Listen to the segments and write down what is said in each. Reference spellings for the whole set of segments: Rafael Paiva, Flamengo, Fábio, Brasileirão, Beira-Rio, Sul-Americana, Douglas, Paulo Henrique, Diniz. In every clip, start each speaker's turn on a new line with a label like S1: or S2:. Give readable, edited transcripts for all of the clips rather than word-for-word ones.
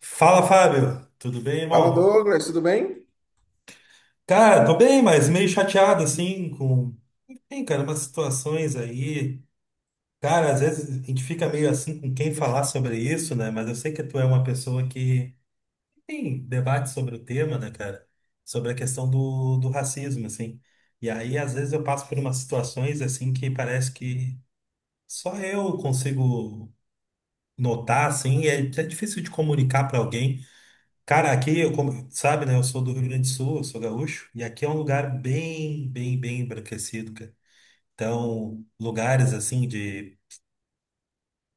S1: Fala, Fábio. Tudo bem,
S2: Fala
S1: irmão?
S2: Douglas, tudo bem?
S1: Cara, tô bem, mas meio chateado, assim, com... Enfim, cara, umas situações aí. Cara, às vezes a gente fica meio assim com quem falar sobre isso, né? Mas eu sei que tu é uma pessoa que, enfim, debate sobre o tema, né, cara? Sobre a questão do racismo, assim. E aí, às vezes, eu passo por umas situações, assim, que parece que só eu consigo notar, assim, e é difícil de comunicar pra alguém. Cara, aqui, eu como sabe, né? Eu sou do Rio Grande do Sul, eu sou gaúcho, e aqui é um lugar bem, bem, bem embranquecido, cara. Então, lugares assim de.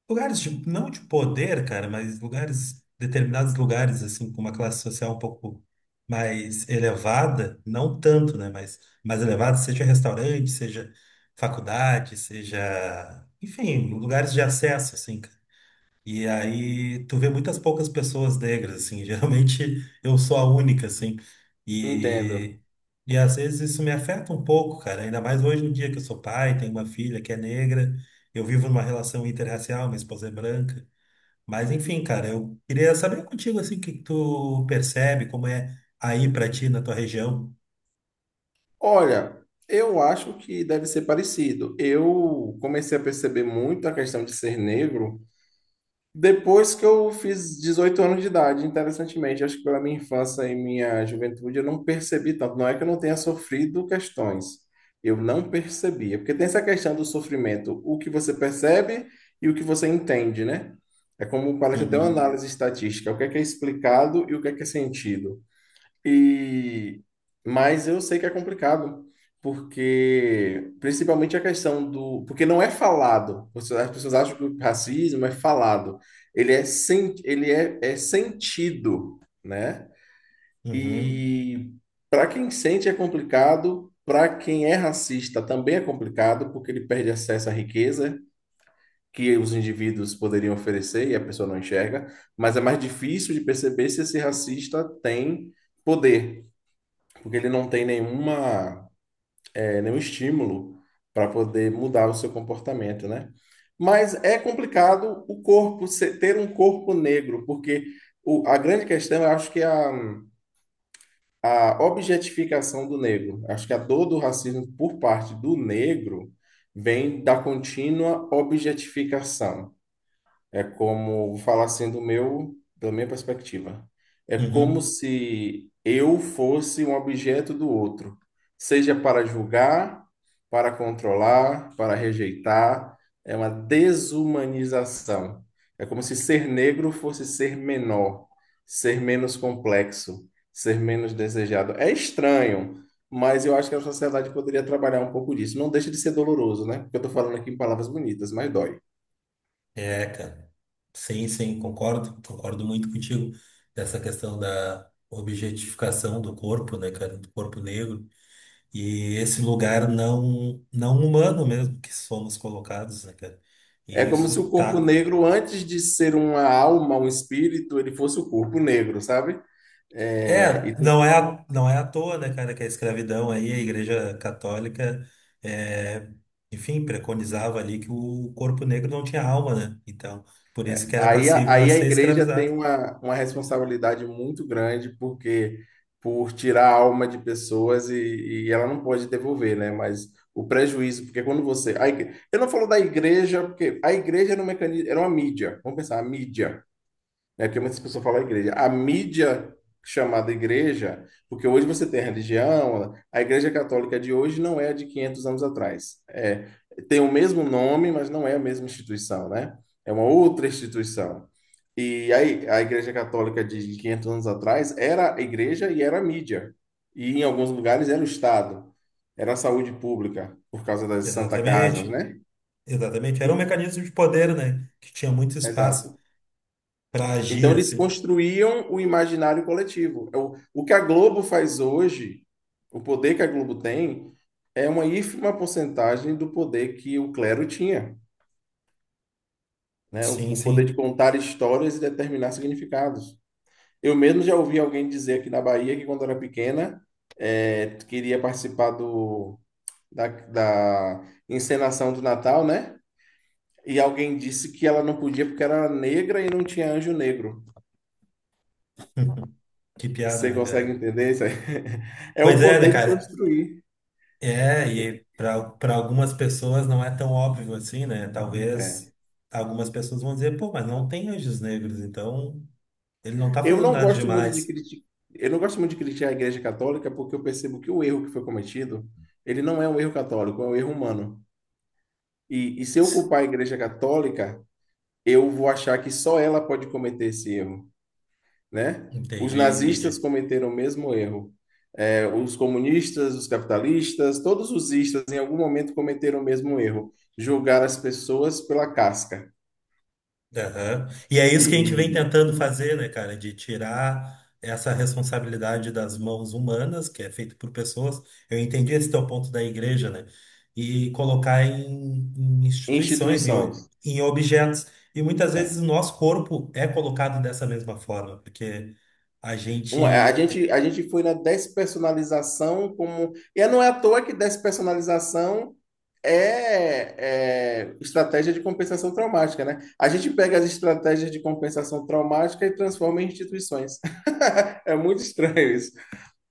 S1: Lugares de, não de poder, cara, mas lugares, determinados lugares, assim, com uma classe social um pouco mais elevada, não tanto, né? Mas mais elevada, seja restaurante, seja faculdade, seja. Enfim, lugares de acesso, assim, cara. E aí tu vê muitas poucas pessoas negras, assim, geralmente eu sou a única, assim,
S2: Entendo.
S1: e, e às vezes isso me afeta um pouco, cara, ainda mais hoje no dia que eu sou pai, tenho uma filha que é negra, eu vivo numa relação interracial, minha esposa é branca, mas enfim, cara, eu queria saber contigo, assim, o que que tu percebe, como é aí pra ti, na tua região.
S2: Olha, eu acho que deve ser parecido. Eu comecei a perceber muito a questão de ser negro depois que eu fiz 18 anos de idade, interessantemente. Acho que pela minha infância e minha juventude eu não percebi tanto. Não é que eu não tenha sofrido questões, eu não percebia. Porque tem essa questão do sofrimento, o que você percebe e o que você entende, né? É como parece até uma
S1: Uhum,
S2: análise estatística, o que é explicado e o que é sentido. E mas eu sei que é complicado, porque principalmente porque não é falado. As pessoas acham que o racismo é falado. Ele é sentido, né?
S1: uhum,
S2: E para quem sente é complicado, para quem é racista também é complicado, porque ele perde acesso à riqueza que os indivíduos poderiam oferecer e a pessoa não enxerga, mas é mais difícil de perceber se esse racista tem poder, porque ele não tem nenhum estímulo para poder mudar o seu comportamento, né? Mas é complicado o corpo ter um corpo negro, porque a grande questão, eu acho que é a objetificação do negro. Acho que a dor do racismo por parte do negro vem da contínua objetificação. É como, vou falar assim da minha perspectiva. É como
S1: uhum.
S2: se eu fosse um objeto do outro, seja para julgar, para controlar, para rejeitar. É uma desumanização. É como se ser negro fosse ser menor, ser menos complexo, ser menos desejado. É estranho, mas eu acho que a sociedade poderia trabalhar um pouco disso. Não deixa de ser doloroso, né? Porque eu estou falando aqui em palavras bonitas, mas dói.
S1: É, cara. Sim, sim, concordo, concordo muito contigo dessa questão da objetificação do corpo, né, cara, do corpo negro e esse lugar não humano mesmo que somos colocados, né, cara?
S2: É
S1: E
S2: como se o
S1: isso
S2: corpo
S1: tá
S2: negro, antes de ser uma alma, um espírito, ele fosse o corpo negro, sabe? É, e
S1: É,
S2: tem-
S1: não é à- não é à toa, né, cara, que a escravidão aí, a Igreja Católica é, enfim, preconizava ali que o corpo negro não tinha alma, né? Então, por isso
S2: é,
S1: que era
S2: aí, a,
S1: passível a
S2: aí a
S1: ser
S2: igreja tem
S1: escravizado.
S2: uma responsabilidade muito grande, porque por tirar a alma de pessoas e ela não pode devolver, né? Porque quando você. A igre- eu não falo da igreja, porque a igreja era um mecanismo, era uma mídia. Vamos pensar, a mídia, né? Porque muitas pessoas falam igreja. A mídia chamada igreja, porque hoje você tem a religião, a igreja católica de hoje não é a de 500 anos atrás. É, tem o mesmo nome, mas não é a mesma instituição, né? É uma outra instituição. E aí, a igreja católica de 500 anos atrás era a igreja e era a mídia. E em alguns lugares era o Estado, era a saúde pública, por causa das Santa Casas,
S1: Exatamente.
S2: né?
S1: Exatamente, era um
S2: E-
S1: mecanismo de poder, né? Que tinha muito espaço
S2: Exato.
S1: para
S2: Então,
S1: agir,
S2: eles
S1: assim.
S2: construíam o imaginário coletivo. É o que a Globo faz hoje, o poder que a Globo tem, é uma ínfima porcentagem do poder que o clero tinha, né? O,
S1: Sim,
S2: o poder de
S1: sim.
S2: contar histórias e determinar significados. Eu mesmo já ouvi alguém dizer aqui na Bahia que, quando era pequena, é, queria participar da encenação do Natal, né? E alguém disse que ela não podia porque era negra e não tinha anjo negro.
S1: Que piada,
S2: Você
S1: né,
S2: consegue
S1: cara?
S2: entender isso aí? É o
S1: Pois é, né,
S2: poder de
S1: cara?
S2: construir.
S1: É, e para algumas pessoas não é tão óbvio assim, né? Talvez
S2: É.
S1: algumas pessoas vão dizer, pô, mas não tem anjos negros, então ele não tá
S2: Eu
S1: fazendo
S2: não
S1: nada
S2: gosto muito de
S1: demais.
S2: criticar, eu não gosto muito de criticar a Igreja Católica porque eu percebo que o erro que foi cometido, ele não é um erro católico, é um erro humano. E se eu culpar a Igreja Católica, eu vou achar que só ela pode cometer esse erro, né? Os
S1: Entendi,
S2: nazistas
S1: entendi.
S2: cometeram o mesmo erro. É, os comunistas, os capitalistas, todos os istas em algum momento cometeram o mesmo erro, julgar as pessoas pela casca.
S1: Aham. E é isso que a gente vem
S2: E
S1: tentando fazer, né, cara? De tirar essa responsabilidade das mãos humanas, que é feito por pessoas. Eu entendi esse teu ponto da igreja, né? E colocar em, em instituições, em, o-
S2: Instituições.
S1: em objetos. E muitas vezes
S2: É.
S1: o nosso corpo é colocado dessa mesma forma, porque a
S2: Um, a
S1: gente.
S2: gente, a gente foi na despersonalização como. E é, não é à toa que despersonalização é, é estratégia de compensação traumática, né? A gente pega as estratégias de compensação traumática e transforma em instituições. É muito estranho isso.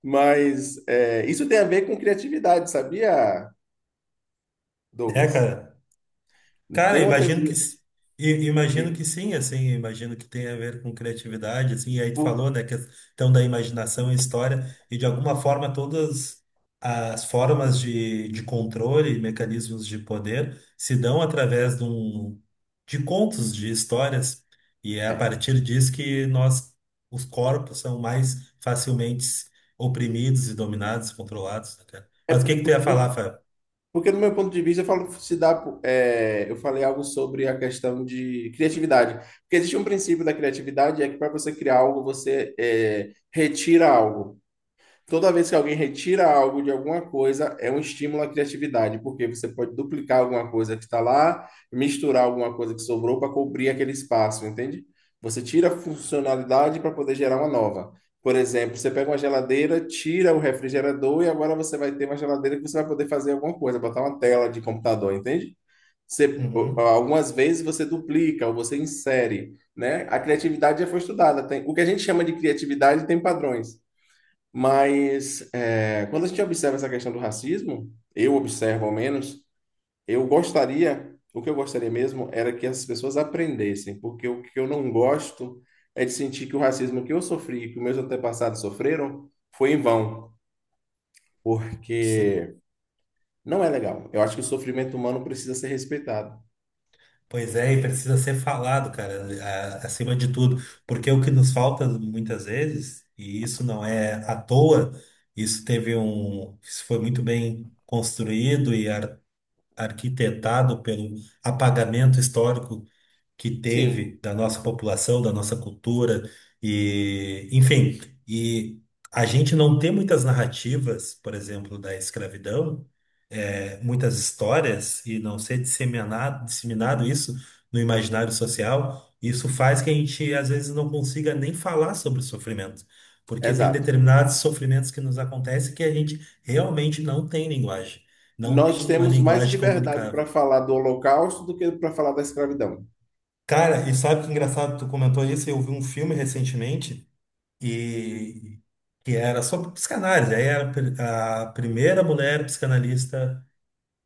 S2: Mas é, isso tem a ver com criatividade, sabia,
S1: É,
S2: Douglas?
S1: cara. Cara,
S2: Tem uma
S1: imagino que
S2: teoria
S1: s- i- imagino
S2: de.
S1: que sim, assim, imagino que tem a ver com criatividade, assim, e aí tu
S2: Por-
S1: falou, né, questão da imaginação e história, e de alguma forma todas as formas de controle e mecanismos de poder se dão através de, um, de contos, de histórias, e é a partir disso que nós, os corpos, são mais facilmente oprimidos e dominados, controlados, né, cara?
S2: é
S1: Mas o que que tu ia
S2: por-
S1: falar, Fábio?
S2: Porque, no meu ponto de vista, eu falo, se dá, é, eu falei algo sobre a questão de criatividade. Porque existe um princípio da criatividade, é que para você criar algo, você retira algo. Toda vez que alguém retira algo de alguma coisa, é um estímulo à criatividade, porque você pode duplicar alguma coisa que está lá, misturar alguma coisa que sobrou para cobrir aquele espaço, entende? Você tira a funcionalidade para poder gerar uma nova. Por exemplo, você pega uma geladeira, tira o refrigerador e agora você vai ter uma geladeira que você vai poder fazer alguma coisa, botar uma tela de computador, entende? Você,
S1: Uhum.
S2: Algumas vezes você duplica ou você insere, né? A criatividade já foi estudada. Tem, o que a gente chama de criatividade tem padrões. Mas é, quando a gente observa essa questão do racismo, eu observo ao menos, eu gostaria, o que eu gostaria mesmo era que as pessoas aprendessem, porque o que eu não gosto é de sentir que o racismo que eu sofri, que meus antepassados sofreram, foi em vão, porque não é legal. Eu acho que o sofrimento humano precisa ser respeitado.
S1: Pois é, e precisa ser falado, cara, a- acima de tudo, porque o que nos falta muitas vezes, e isso não é à toa, isso teve um, isso foi muito bem construído e ar- arquitetado pelo apagamento histórico que
S2: Sim,
S1: teve da nossa população, da nossa cultura e, enfim, e a gente não tem muitas narrativas, por exemplo, da escravidão, é, muitas histórias e não ser disseminado, disseminado isso no imaginário social, isso faz que a gente às vezes não consiga nem falar sobre o sofrimento, porque tem
S2: exato.
S1: determinados sofrimentos que nos acontecem que a gente realmente não tem linguagem, não
S2: Nós
S1: tem uma
S2: temos mais
S1: linguagem
S2: liberdade para
S1: comunicável.
S2: falar do Holocausto do que para falar da escravidão.
S1: Cara, e sabe que engraçado, tu comentou isso, eu vi um filme recentemente e que era sobre psicanálise, aí era a pri- a primeira mulher psicanalista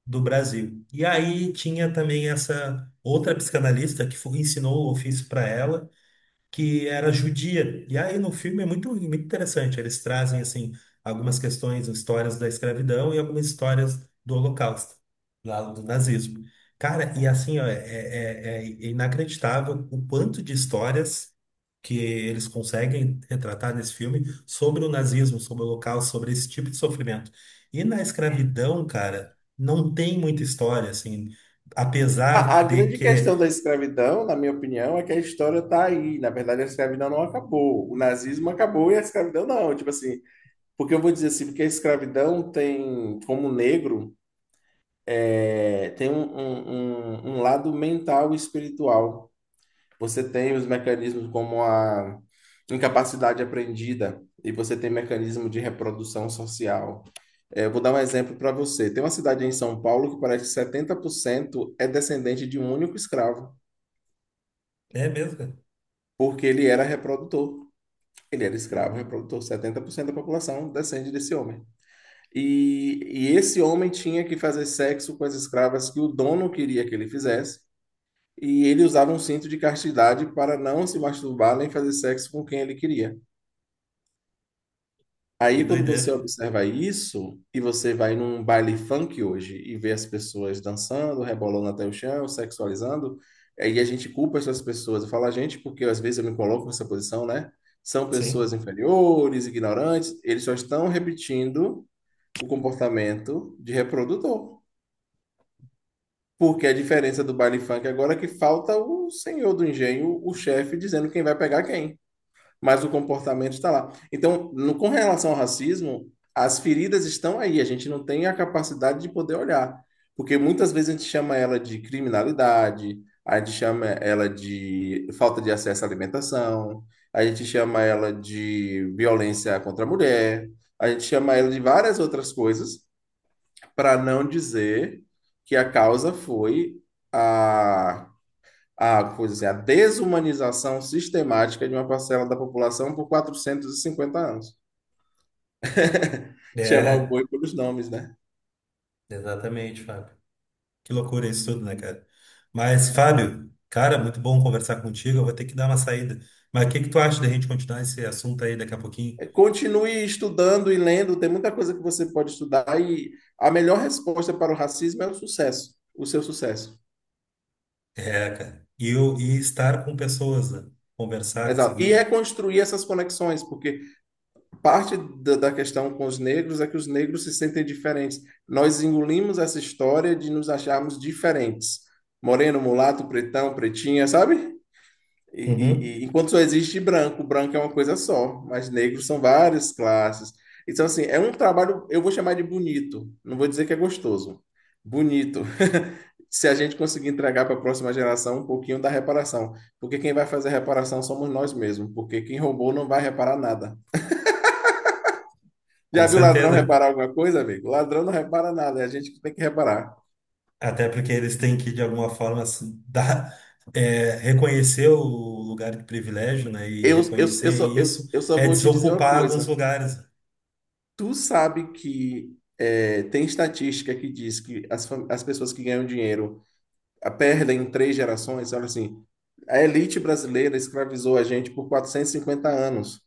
S1: do Brasil. E aí tinha também essa outra psicanalista que foi- ensinou o ofício para ela que era judia. E aí no filme é muito, muito interessante. Eles trazem assim algumas questões, histórias da escravidão e algumas histórias do Holocausto, lá do nazismo. Cara, e assim ó, é, é inacreditável o quanto de histórias que eles conseguem retratar nesse filme sobre o nazismo, sobre o Holocausto, sobre esse tipo de sofrimento. E na escravidão, cara, não tem muita história assim,
S2: A
S1: apesar de
S2: grande
S1: que
S2: questão da escravidão, na minha opinião, é que a história está aí. Na verdade, a escravidão não acabou. O nazismo acabou e a escravidão não. Tipo assim, porque eu vou dizer assim, porque a escravidão tem, como negro, é, tem um lado mental e espiritual. Você tem os mecanismos como a incapacidade aprendida e você tem mecanismo de reprodução social. É, eu vou dar um exemplo para você. Tem uma cidade em São Paulo que parece que 70% é descendente de um único escravo.
S1: é mesmo, cara?
S2: Porque ele era reprodutor. Ele era escravo,
S1: Uhum.
S2: reprodutor. 70% da população descende desse homem. E, e esse homem tinha que fazer sexo com as escravas que o dono queria que ele fizesse. E ele usava um cinto de castidade para não se masturbar nem fazer sexo com quem ele queria.
S1: Que
S2: Aí, quando
S1: doideira.
S2: você observa isso, e você vai num baile funk hoje e vê as pessoas dançando, rebolando até o chão, sexualizando, aí a gente culpa essas pessoas. Eu falo a gente porque às vezes eu me coloco nessa posição, né? São pessoas
S1: Sim,
S2: inferiores, ignorantes, eles só estão repetindo o comportamento de reprodutor. Porque a diferença do baile funk agora é que falta o senhor do engenho, o chefe, dizendo quem vai pegar quem, mas o comportamento está lá. Então, no, com relação ao racismo, as feridas estão aí, a gente não tem a capacidade de poder olhar, porque muitas vezes a gente chama ela de criminalidade, a gente chama ela de falta de acesso à alimentação, a gente chama ela de violência contra a mulher, a gente chama ela de várias outras coisas, para não dizer que a causa foi a pois assim, a desumanização sistemática de uma parcela da população por 450 anos. Chamar o
S1: é,
S2: boi pelos nomes, né?
S1: exatamente, Fábio. Que loucura isso tudo, né, cara? Mas, Fábio, cara, muito bom conversar contigo. Eu vou ter que dar uma saída. Mas o que que tu acha da gente continuar esse assunto aí daqui a pouquinho?
S2: É, continue estudando e lendo, tem muita coisa que você pode estudar e a melhor resposta para o racismo é o sucesso, o seu sucesso.
S1: É, cara. E eu e estar com pessoas, né? Conversar,
S2: Exato. E
S1: conseguir.
S2: reconstruir essas conexões, porque parte da questão com os negros é que os negros se sentem diferentes. Nós engolimos essa história de nos acharmos diferentes. Moreno, mulato, pretão, pretinha, sabe?
S1: Uhum.
S2: Enquanto só existe branco, branco é uma coisa só, mas negros são várias classes. Então, assim, é um trabalho, eu vou chamar de bonito, não vou dizer que é gostoso. Bonito. Se a gente conseguir entregar para a próxima geração um pouquinho da reparação. Porque quem vai fazer a reparação somos nós mesmos, porque quem roubou não vai reparar nada. Já
S1: Com
S2: viu ladrão
S1: certeza.
S2: reparar alguma coisa, amigo? Ladrão não repara nada, é a gente que tem que reparar.
S1: Até porque eles têm que, de alguma forma, se dar, é, reconhecer o lugar de privilégio, né? E
S2: Eu, eu, eu,
S1: reconhecer
S2: só, eu,
S1: isso
S2: eu só
S1: é
S2: vou te dizer uma
S1: desocupar alguns
S2: coisa.
S1: lugares.
S2: Tu sabe que é, tem estatística que diz que as pessoas que ganham dinheiro a perdem em três gerações. Olha assim, a elite brasileira escravizou a gente por 450 anos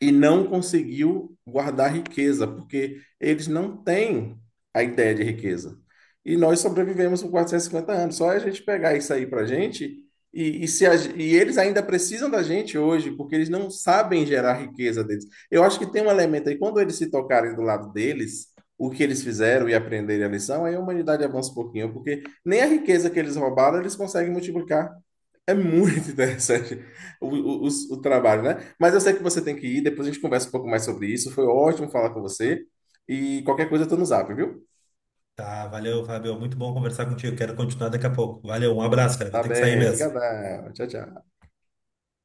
S2: e não conseguiu guardar riqueza, porque eles não têm a ideia de riqueza. E nós sobrevivemos por 450 anos. Só é a gente pegar isso aí para a gente, e, se a- e eles ainda precisam da gente hoje, porque eles não sabem gerar riqueza deles. Eu acho que tem um elemento aí, quando eles se tocarem do lado deles, o que eles fizeram e aprenderem a lição, aí a humanidade avança um pouquinho, porque nem a riqueza que eles roubaram eles conseguem multiplicar. É muito interessante o, o, o- o trabalho, né? Mas eu sei que você tem que ir, depois a gente conversa um pouco mais sobre isso. Foi ótimo falar com você. E qualquer coisa eu tô no zap, viu?
S1: Tá, valeu, Fábio. Muito bom conversar contigo. Quero continuar daqui a pouco. Valeu, um abraço, cara. Vou
S2: Tá
S1: ter que sair
S2: bem,
S1: mesmo.
S2: brigadão. Tchau, tchau.